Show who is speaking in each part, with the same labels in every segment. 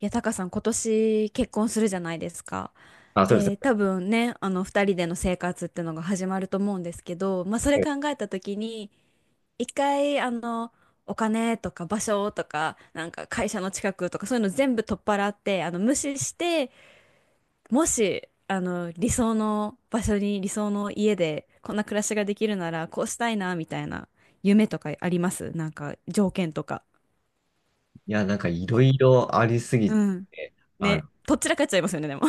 Speaker 1: いや、タカさん、今年結婚するじゃないですか。
Speaker 2: あ、そうです
Speaker 1: で、
Speaker 2: ね。
Speaker 1: 多分ね、二人での生活ってのが始まると思うんですけど、まあ、それ考
Speaker 2: い
Speaker 1: えた時に、一回、お金とか場所とか、なんか会社の近くとか、そういうの全部取っ払って、無視して、もし、理想の場所に、理想の家で、こんな暮らしができるなら、こうしたいな、みたいな、夢とかありますなんか、条件とか。
Speaker 2: や、なんかいろ
Speaker 1: こ
Speaker 2: いろありすぎ
Speaker 1: うん。
Speaker 2: て、
Speaker 1: ね、
Speaker 2: 具
Speaker 1: とっちらかっちゃいますよね、でも。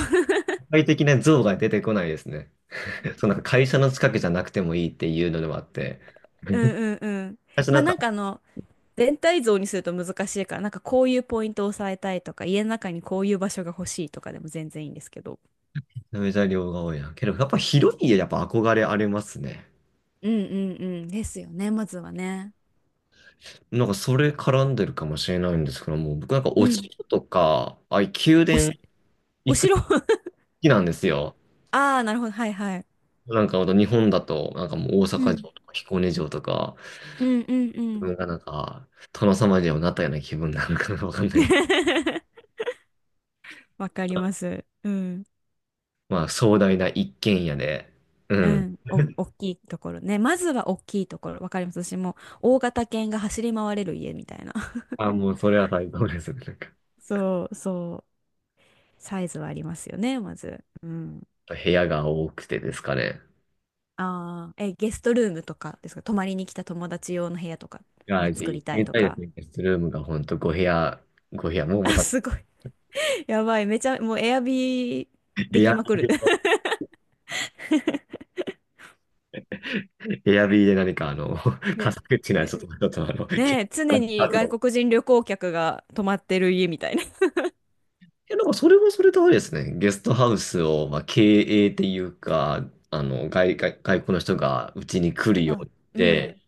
Speaker 2: 体的な像が出てこないですね。そう、なんか会社の近くじゃなくてもいいっていうのでもあって。
Speaker 1: う んうんうん。
Speaker 2: 私
Speaker 1: ま
Speaker 2: な
Speaker 1: あ
Speaker 2: んか、
Speaker 1: なんかあの、全体像にすると難しいから、なんかこういうポイントを押さえたいとか、家の中にこういう場所が欲しいとかでも全然いいんですけど。
Speaker 2: めちゃめちゃ量が多いな。けど、やっぱ広い家やっぱ憧れありますね。
Speaker 1: うんうんうん。ですよね、まずはね。
Speaker 2: なんかそれ絡んでるかもしれないんですけども、僕なんか
Speaker 1: う
Speaker 2: お
Speaker 1: ん。
Speaker 2: 城とか、ああいう宮
Speaker 1: おし、
Speaker 2: 殿
Speaker 1: お
Speaker 2: 行くの
Speaker 1: 城
Speaker 2: 好 きなんですよ。
Speaker 1: ああ、なるほど。はいはい。
Speaker 2: なんかほんと日本だと、なんかもう大
Speaker 1: う
Speaker 2: 阪
Speaker 1: ん。
Speaker 2: 城とか彦根城とか、
Speaker 1: うんうんう
Speaker 2: 自
Speaker 1: ん。
Speaker 2: 分がなんか殿様にでもなったような気分なのかなわかんないです。
Speaker 1: わかります。うん。
Speaker 2: まあ、壮大な一軒家で、う
Speaker 1: う
Speaker 2: ん。
Speaker 1: ん。お、大 きいところね。まずは大きいところ。わかります。私も大型犬が走り回れる家みたいな。
Speaker 2: あ、もうそれは最高ですね。なんか、
Speaker 1: そうそう。サイズはありますよね、まず。うん。
Speaker 2: 部屋が多くてですかね。
Speaker 1: ああ、え、ゲストルームとかですか。泊まりに来た友達用の部屋とか
Speaker 2: い
Speaker 1: も
Speaker 2: や、ぜ
Speaker 1: 作
Speaker 2: ひ行
Speaker 1: り
Speaker 2: って
Speaker 1: たい
Speaker 2: み
Speaker 1: と
Speaker 2: たいで
Speaker 1: か。
Speaker 2: すね。ゲストルームが本当ご部屋、ご部屋、も うま
Speaker 1: あ、
Speaker 2: た、
Speaker 1: すごい。やばい。めちゃ、もうエアビーで
Speaker 2: エ
Speaker 1: き
Speaker 2: ア
Speaker 1: まくる。
Speaker 2: ビー で、エアビーで何かカ
Speaker 1: ね、
Speaker 2: サ口なや
Speaker 1: ね、
Speaker 2: つとか、ちょっと
Speaker 1: ねえ、
Speaker 2: あ
Speaker 1: 常に外
Speaker 2: の
Speaker 1: 国人旅行客が泊まってる家みたいな。
Speaker 2: いや、なんかそれもそれであれですね。ゲストハウスを、まあ、経営っていうか、あの、外国の人がうちに来
Speaker 1: ま
Speaker 2: るよう
Speaker 1: た、
Speaker 2: にっ
Speaker 1: うん。
Speaker 2: て、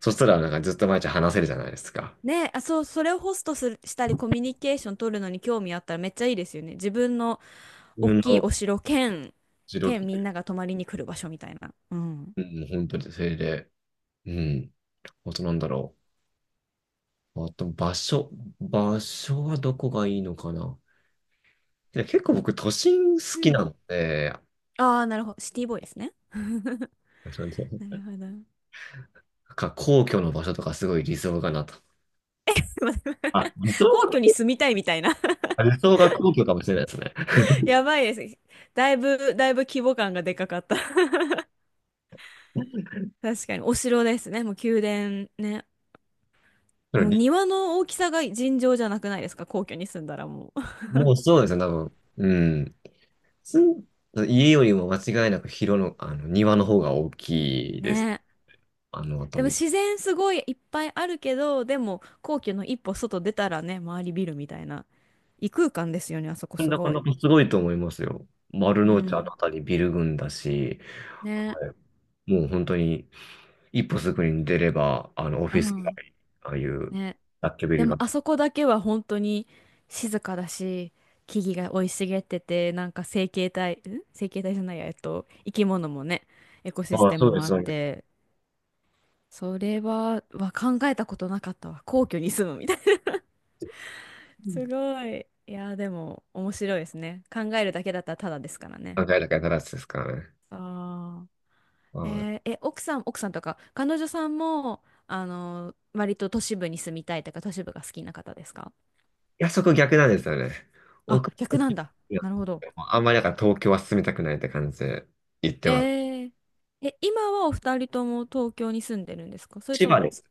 Speaker 2: そしたらなんかずっと毎日話せるじゃないですか。
Speaker 1: ねえ、あ、そう、それをホストする、したりコミュニケーション取るのに興味あったらめっちゃいいですよね。自分の
Speaker 2: 自
Speaker 1: 大
Speaker 2: 分
Speaker 1: きいお
Speaker 2: の
Speaker 1: 城兼、
Speaker 2: 実
Speaker 1: 兼みん
Speaker 2: 力
Speaker 1: なが泊まりに来る場所みたいな。うん。
Speaker 2: うん、本当にそれで、うん、あとなんだろう。あと場所、場所はどこがいいのかな。いや結構僕都心
Speaker 1: う
Speaker 2: 好き
Speaker 1: ん。
Speaker 2: なので、
Speaker 1: ああ、なるほど。シティボーイですね。
Speaker 2: そうです
Speaker 1: な
Speaker 2: ね。
Speaker 1: るほど。
Speaker 2: なんか皇居の場所とかすごい理想かなと。あ、
Speaker 1: 皇居に住みたいみたいな。
Speaker 2: 理想が皇居かもしれないですね。
Speaker 1: やばいです。だいぶ、だいぶ規模感がでかかった。 確かに、お城ですね。もう宮殿ね。
Speaker 2: その
Speaker 1: もう
Speaker 2: り
Speaker 1: 庭の大きさが尋常じゃなくないですか、皇居に住んだらもう。
Speaker 2: もうそうですね、多分。うん。すん家よりも間違いなく広の、あの、庭の方が大き い
Speaker 1: ね
Speaker 2: です。
Speaker 1: え。
Speaker 2: あの
Speaker 1: で
Speaker 2: 辺
Speaker 1: も
Speaker 2: り。
Speaker 1: 自然すごいいっぱいあるけど、でも皇居の一歩外出たらね、周りビルみたいな。異空間ですよね、あそこす
Speaker 2: なか
Speaker 1: ごい。
Speaker 2: なかすごいと思いますよ。丸
Speaker 1: う
Speaker 2: の内あの
Speaker 1: ん。
Speaker 2: 辺りビル群だし。
Speaker 1: ねえ。
Speaker 2: もう本当に一歩すぐに出れば、あの、オフ
Speaker 1: う
Speaker 2: ィス街、
Speaker 1: ん。
Speaker 2: ああいう
Speaker 1: ね、
Speaker 2: 雑居ビ
Speaker 1: で
Speaker 2: ル
Speaker 1: も
Speaker 2: が。
Speaker 1: あそこだけは本当に静かだし、木々が生い茂ってて、なんか生形態、ん生形態じゃないや、えっと、生き物もね、エコシス
Speaker 2: ああ、
Speaker 1: テ
Speaker 2: そ
Speaker 1: ム
Speaker 2: うで
Speaker 1: もあ
Speaker 2: す、
Speaker 1: っ
Speaker 2: そうです。
Speaker 1: て、それは、は考えたことなかったわ。皇居に住むみたいな。す
Speaker 2: ん
Speaker 1: ごい。いやーでも面白いですね。考えるだけだったらただですからね。
Speaker 2: 何階だからつですからね。
Speaker 1: ああ。
Speaker 2: ああ、い
Speaker 1: えーえ、奥さんとか、彼女さんも、割と都市部に住みたいとか、都市部が好きな方ですか？
Speaker 2: や、そこ逆なんですよね。
Speaker 1: あ、
Speaker 2: 奥
Speaker 1: 逆なんだ。
Speaker 2: いや
Speaker 1: なるほど。
Speaker 2: あんまりだから東京は進みたくないって感じで言って
Speaker 1: え
Speaker 2: ます。
Speaker 1: ー、え、今はお二人とも東京に住んでるんですか、それ
Speaker 2: 千
Speaker 1: と
Speaker 2: 葉で
Speaker 1: も、
Speaker 2: す。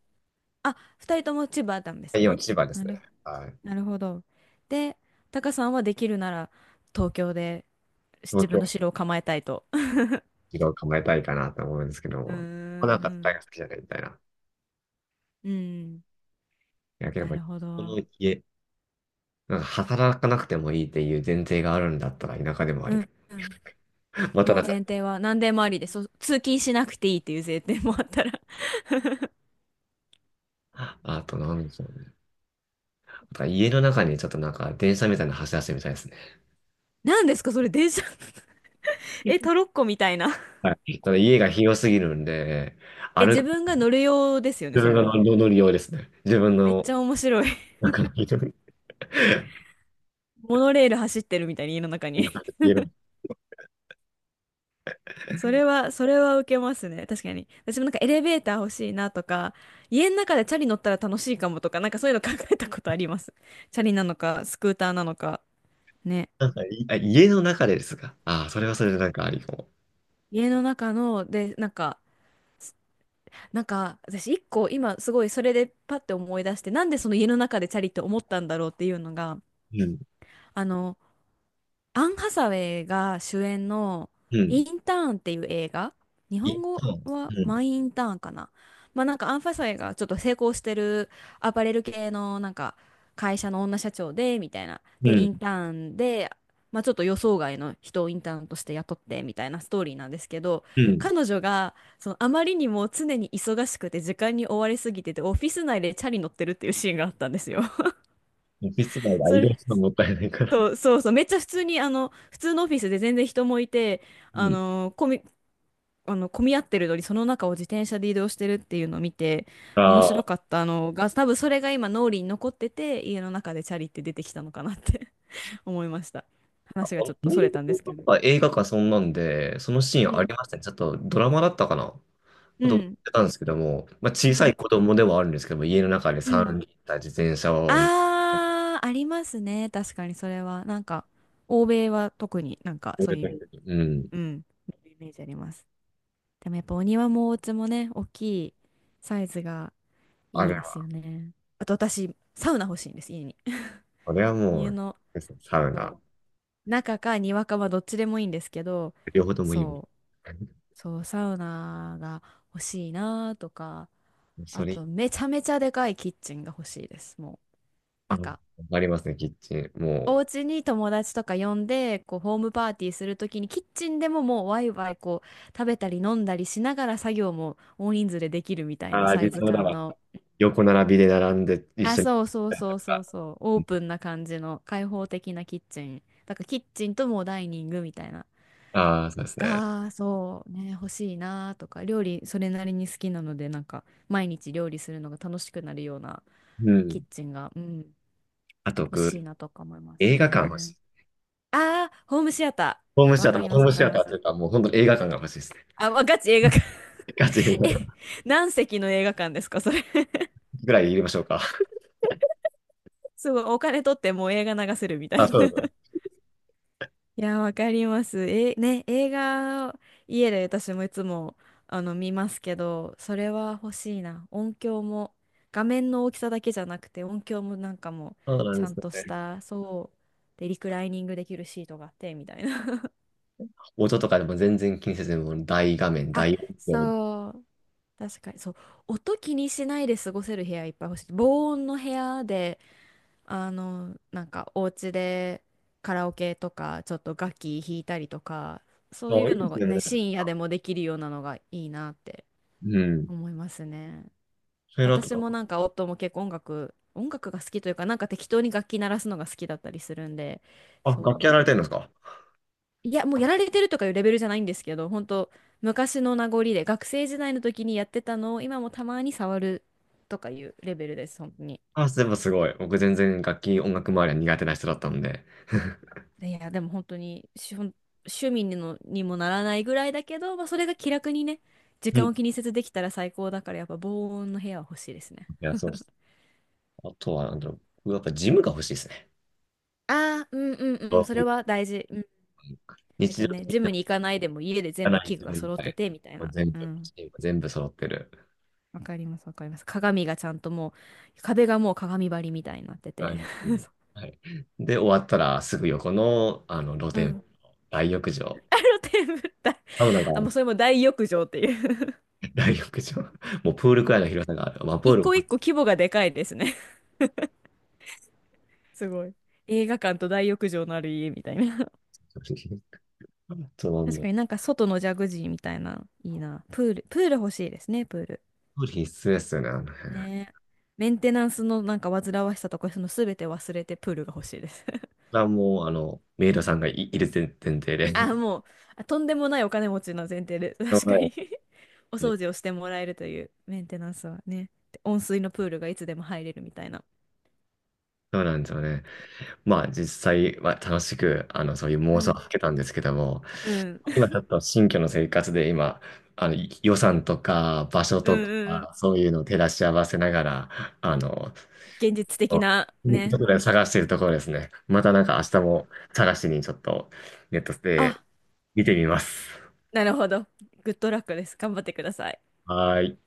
Speaker 1: あ、二人とも千葉なんです
Speaker 2: 今
Speaker 1: ね。
Speaker 2: 千葉で
Speaker 1: な
Speaker 2: すね。
Speaker 1: る、
Speaker 2: はい。
Speaker 1: なるほど。で、タカさんはできるなら東京で
Speaker 2: 東
Speaker 1: 自分
Speaker 2: 京
Speaker 1: の城を構えたいと。
Speaker 2: 一度構えたいかなと思うんですけど
Speaker 1: うー
Speaker 2: も、なんか大
Speaker 1: ん、
Speaker 2: 学好きじゃないみたいな。い
Speaker 1: うん。うん、
Speaker 2: や、やっ
Speaker 1: な
Speaker 2: ぱり、
Speaker 1: るほ
Speaker 2: こ
Speaker 1: ど。
Speaker 2: の家、なんか働かなくてもいいっていう前提があるんだったら田舎でもあ
Speaker 1: う
Speaker 2: り。
Speaker 1: ん、うん。
Speaker 2: また
Speaker 1: も
Speaker 2: な
Speaker 1: う
Speaker 2: んか
Speaker 1: 前提は何でもありで、通勤しなくていいっていう前提もあったら。
Speaker 2: あと、なんでしょうね。あと家の中にちょっとなんか電車みたいなの走らせてみたいですね。
Speaker 1: 何ですかそれ、電車？ え、トロッコみたいな。
Speaker 2: はい。ただ家が広すぎるんで、
Speaker 1: え、
Speaker 2: 歩
Speaker 1: 自
Speaker 2: く、
Speaker 1: 分が乗る用ですよね、
Speaker 2: 自
Speaker 1: そ
Speaker 2: 分
Speaker 1: れ
Speaker 2: が乗
Speaker 1: は。
Speaker 2: り乗り用ですね。自分
Speaker 1: めっち
Speaker 2: の
Speaker 1: ゃ面白い。
Speaker 2: 中の家の、
Speaker 1: モノレール走ってるみたいに家の中に。
Speaker 2: 家の、
Speaker 1: それは、それは受けますね。確かに。私もなんかエレベーター欲しいなとか、家の中でチャリ乗ったら楽しいかもとか、なんかそういうの考えたことあります。チャリなのか、スクーターなのか。ね。
Speaker 2: なんかいあ家の中でですか。ああ、それはそれでなんかありかも。
Speaker 1: 家の中の、で、なんか、なんか、私一個今すごいそれでパッて思い出して、なんでその家の中でチャリって思ったんだろうっていうのが、
Speaker 2: うん、
Speaker 1: あの、アン・ハサウェイが主演の
Speaker 2: うん、
Speaker 1: インターンっていう映画、日
Speaker 2: 一
Speaker 1: 本語
Speaker 2: 旦、
Speaker 1: は
Speaker 2: う
Speaker 1: マイ・インターンかな。まあなんかアン・ハサウェイがちょっと成功してるアパレル系のなんか会社の女社長でみたいな。
Speaker 2: ん、う
Speaker 1: で、イン
Speaker 2: ん、
Speaker 1: ターンで、まあちょっと予想外の人をインターンとして雇ってみたいなストーリーなんですけど、
Speaker 2: うん。
Speaker 1: 彼女がそのあまりにも常に忙しくて時間に追われすぎててオフィス内でチャリ乗ってるっていうシーンがあったんですよ。
Speaker 2: オフィス街が
Speaker 1: そ
Speaker 2: 移
Speaker 1: れ、
Speaker 2: 動するのもったいないから。
Speaker 1: そうそうそう、めっちゃ普通に、普通のオフィスで全然人もいて、
Speaker 2: う
Speaker 1: あ
Speaker 2: ん。
Speaker 1: の、混み、混み合ってるのに、その中を自転車で移動してるっていうのを見て、面
Speaker 2: ああ、
Speaker 1: 白
Speaker 2: ア
Speaker 1: かったのが、多分それが今、脳裏に残ってて、家の中でチャリって出てきたのかなって 思いました。話がちょっと
Speaker 2: メ
Speaker 1: そ
Speaker 2: リ
Speaker 1: れ
Speaker 2: ン
Speaker 1: たんで
Speaker 2: グ
Speaker 1: すけ
Speaker 2: と
Speaker 1: ど。
Speaker 2: か映画かそんなんで、そのシ
Speaker 1: う
Speaker 2: ーンあり
Speaker 1: ん、
Speaker 2: ましたね。ちょっとドラマだったかな。
Speaker 1: う
Speaker 2: と思っ
Speaker 1: ん、
Speaker 2: てたんですけども、まあ、
Speaker 1: う
Speaker 2: 小さい
Speaker 1: ん、
Speaker 2: 子供ではあるんですけども、家の中で
Speaker 1: うん。
Speaker 2: 3人ッタた自転車を乗
Speaker 1: あー、ありますね。確かにそれは。なんか、欧米は特になんかそう
Speaker 2: る
Speaker 1: い
Speaker 2: とき
Speaker 1: う、
Speaker 2: に、うん。
Speaker 1: うん、イメージあります。でもやっぱお庭もお家もね、大きいサイズが
Speaker 2: あ
Speaker 1: い
Speaker 2: れ
Speaker 1: いです
Speaker 2: は、
Speaker 1: よね。あと私、サウナ欲しいんです、家に。
Speaker 2: これはも
Speaker 1: 家
Speaker 2: う、
Speaker 1: の
Speaker 2: サウナ、
Speaker 1: 中か庭かはどっちでもいいんですけど、
Speaker 2: 両方ともいいわ。
Speaker 1: そう、そう、サウナが欲しいなとか、あ
Speaker 2: それ、
Speaker 1: とめちゃめちゃでかいキッチンが欲しいです、もう。
Speaker 2: あ
Speaker 1: なん
Speaker 2: の、
Speaker 1: か、
Speaker 2: ありますね、キッチン。も
Speaker 1: お
Speaker 2: う、
Speaker 1: 家に友達とか呼んで、こう、ホームパーティーするときに、キッチンでももうワイワイこう、食べたり飲んだりしながら作業も大人数でできるみたいな
Speaker 2: ああ、
Speaker 1: サイズ
Speaker 2: 実はだ
Speaker 1: 感
Speaker 2: わ。
Speaker 1: の、
Speaker 2: 横並びで並んで一
Speaker 1: あ、
Speaker 2: 緒に。
Speaker 1: そうそうそうそうそう、オープンな感じの開放的なキッチン。だからキッチンともうダイニングみたいな。
Speaker 2: ああ、そうですね。
Speaker 1: が、そうね、欲しいなとか、料理それなりに好きなので、なんか毎日料理するのが楽しくなるような
Speaker 2: う
Speaker 1: キッ
Speaker 2: ん。
Speaker 1: チンが、うん、
Speaker 2: あと、
Speaker 1: 欲しい
Speaker 2: 僕、
Speaker 1: なとか思います
Speaker 2: 映画館欲し
Speaker 1: ね。
Speaker 2: い。
Speaker 1: あー、ホームシアタ
Speaker 2: ホーム
Speaker 1: ー。
Speaker 2: シ
Speaker 1: わ
Speaker 2: アタ
Speaker 1: か
Speaker 2: ー、も
Speaker 1: り
Speaker 2: う
Speaker 1: ま
Speaker 2: ホー
Speaker 1: す、
Speaker 2: ム
Speaker 1: わか
Speaker 2: シ
Speaker 1: り
Speaker 2: ア
Speaker 1: ま
Speaker 2: ターと
Speaker 1: す。
Speaker 2: いうか、もう本当に映画館が欲しいですね。
Speaker 1: あ、ガチ映画館。
Speaker 2: ガチ映 画
Speaker 1: え、
Speaker 2: 館
Speaker 1: 何席の映画館ですか、それ。
Speaker 2: ぐらい入れましょうか。
Speaker 1: すごい、お金取ってもう映画流せるみたい
Speaker 2: あ、そう
Speaker 1: な。
Speaker 2: だ。
Speaker 1: いや、わかります。え、ね、映画、家で私もいつも、見ますけど、それは欲しいな。音響も、画面の大きさだけじゃなくて、音響もなんかも、
Speaker 2: そうなん
Speaker 1: ち
Speaker 2: で
Speaker 1: ゃ
Speaker 2: す
Speaker 1: んとし
Speaker 2: ね。
Speaker 1: た、そう、で、リクライニングできるシートがあって、みたいな。
Speaker 2: 音とかでも全然気にせずに、もう大画面、
Speaker 1: あ、
Speaker 2: 大音量。
Speaker 1: そう、確かに、そう、音気にしないで過ごせる部屋いっぱい欲しい。防音の部屋で、なんかお家でカラオケとか、ちょっと楽器弾いたりとか、そう
Speaker 2: あ、
Speaker 1: い
Speaker 2: い
Speaker 1: う
Speaker 2: いで
Speaker 1: の
Speaker 2: す
Speaker 1: が
Speaker 2: ね。
Speaker 1: ね、深夜でもできるようなのがいいなって
Speaker 2: うん。
Speaker 1: 思いますね。
Speaker 2: それだった
Speaker 1: 私
Speaker 2: ら、
Speaker 1: もなんか夫も結構音楽、音楽が好きというか、なんか適当に楽器鳴らすのが好きだったりするんで、
Speaker 2: あ、楽
Speaker 1: そ
Speaker 2: 器
Speaker 1: う。
Speaker 2: やられてるんですか。
Speaker 1: いや、もうやられてるとかいうレベルじゃないんですけど、本当昔の名残で、学生時代の時にやってたのを今もたまに触るとかいうレベルです、本当に。
Speaker 2: あ、全部すごい。僕全然楽器、音楽周りは苦手な人だったんで。
Speaker 1: いや、でも本当に、趣味ににもならないぐらいだけど、まあ、それが気楽にね、時
Speaker 2: うん。
Speaker 1: 間
Speaker 2: い
Speaker 1: を気にせずできたら最高だから、やっぱ防音の部屋は欲しいですね。
Speaker 2: や、そうです。あとは、なんだろう。僕やっぱジムが欲しいですね。
Speaker 1: ああ、うんうんうん、
Speaker 2: そ
Speaker 1: そ
Speaker 2: う
Speaker 1: れ
Speaker 2: いう
Speaker 1: は大事。うん。
Speaker 2: 日
Speaker 1: めっちゃ
Speaker 2: 常
Speaker 1: ね、
Speaker 2: 的
Speaker 1: ジム
Speaker 2: に
Speaker 1: に行かないでも家で全
Speaker 2: やら
Speaker 1: 部
Speaker 2: ない
Speaker 1: 器具
Speaker 2: 自
Speaker 1: が
Speaker 2: 分
Speaker 1: 揃って
Speaker 2: で、
Speaker 1: て、みたい
Speaker 2: もう
Speaker 1: な。
Speaker 2: 全
Speaker 1: う
Speaker 2: 部、
Speaker 1: ん。
Speaker 2: 全部揃ってる。
Speaker 1: わかります、わかります。鏡がちゃんとう、壁がもう鏡張りみたいになって
Speaker 2: 大
Speaker 1: て。
Speaker 2: 学に はい。で、終わったらすぐ横の、あの露
Speaker 1: う
Speaker 2: 天風
Speaker 1: ん。
Speaker 2: 呂、大浴場。
Speaker 1: あのテーブルだ。
Speaker 2: サウナが
Speaker 1: あ、
Speaker 2: あ
Speaker 1: も
Speaker 2: る
Speaker 1: うそれも大浴場っていう。
Speaker 2: 大浴場。もうプールくらいの広さがある。まあ、プ
Speaker 1: 一
Speaker 2: ールも
Speaker 1: 個一個規模がでかいですね、すごい。映画館と大浴場のある家みたいな。
Speaker 2: そうなん
Speaker 1: 確
Speaker 2: だ。
Speaker 1: かになんか外のジャグジーみたいな、いいな。プール、プール欲しいですね、プール。
Speaker 2: 必須ですよね、あの辺。そ
Speaker 1: ねえ。メンテナンスのなんか煩わしさとか、その全て忘れてプールが欲しいです。
Speaker 2: れはもう、あの、メイドさんがい、いる前提で。
Speaker 1: あ、もう、あとんでもないお金持ちの前提で、
Speaker 2: は
Speaker 1: 確かに。
Speaker 2: い
Speaker 1: お掃除をしてもらえるというメンテナンスはね。で温水のプールがいつでも入れるみたいな。
Speaker 2: そうなんですよね。まあ、実際は楽しく、あの、そういう
Speaker 1: う
Speaker 2: 妄想を
Speaker 1: ん。
Speaker 2: かけたんですけども、
Speaker 1: うん。
Speaker 2: 今ちょっと新居の生活で、今、あの、い予算とか、場所
Speaker 1: うん
Speaker 2: とか、
Speaker 1: うんうん。
Speaker 2: そういうのを照らし合わせながら、あの、
Speaker 1: 現実的
Speaker 2: そ
Speaker 1: な、
Speaker 2: うとこ
Speaker 1: ね。
Speaker 2: ろで探しているところですね。またなんか明日も探しにちょっとネットで
Speaker 1: あ、
Speaker 2: 見てみます。
Speaker 1: なるほど。グッドラックです。頑張ってください。
Speaker 2: はーい。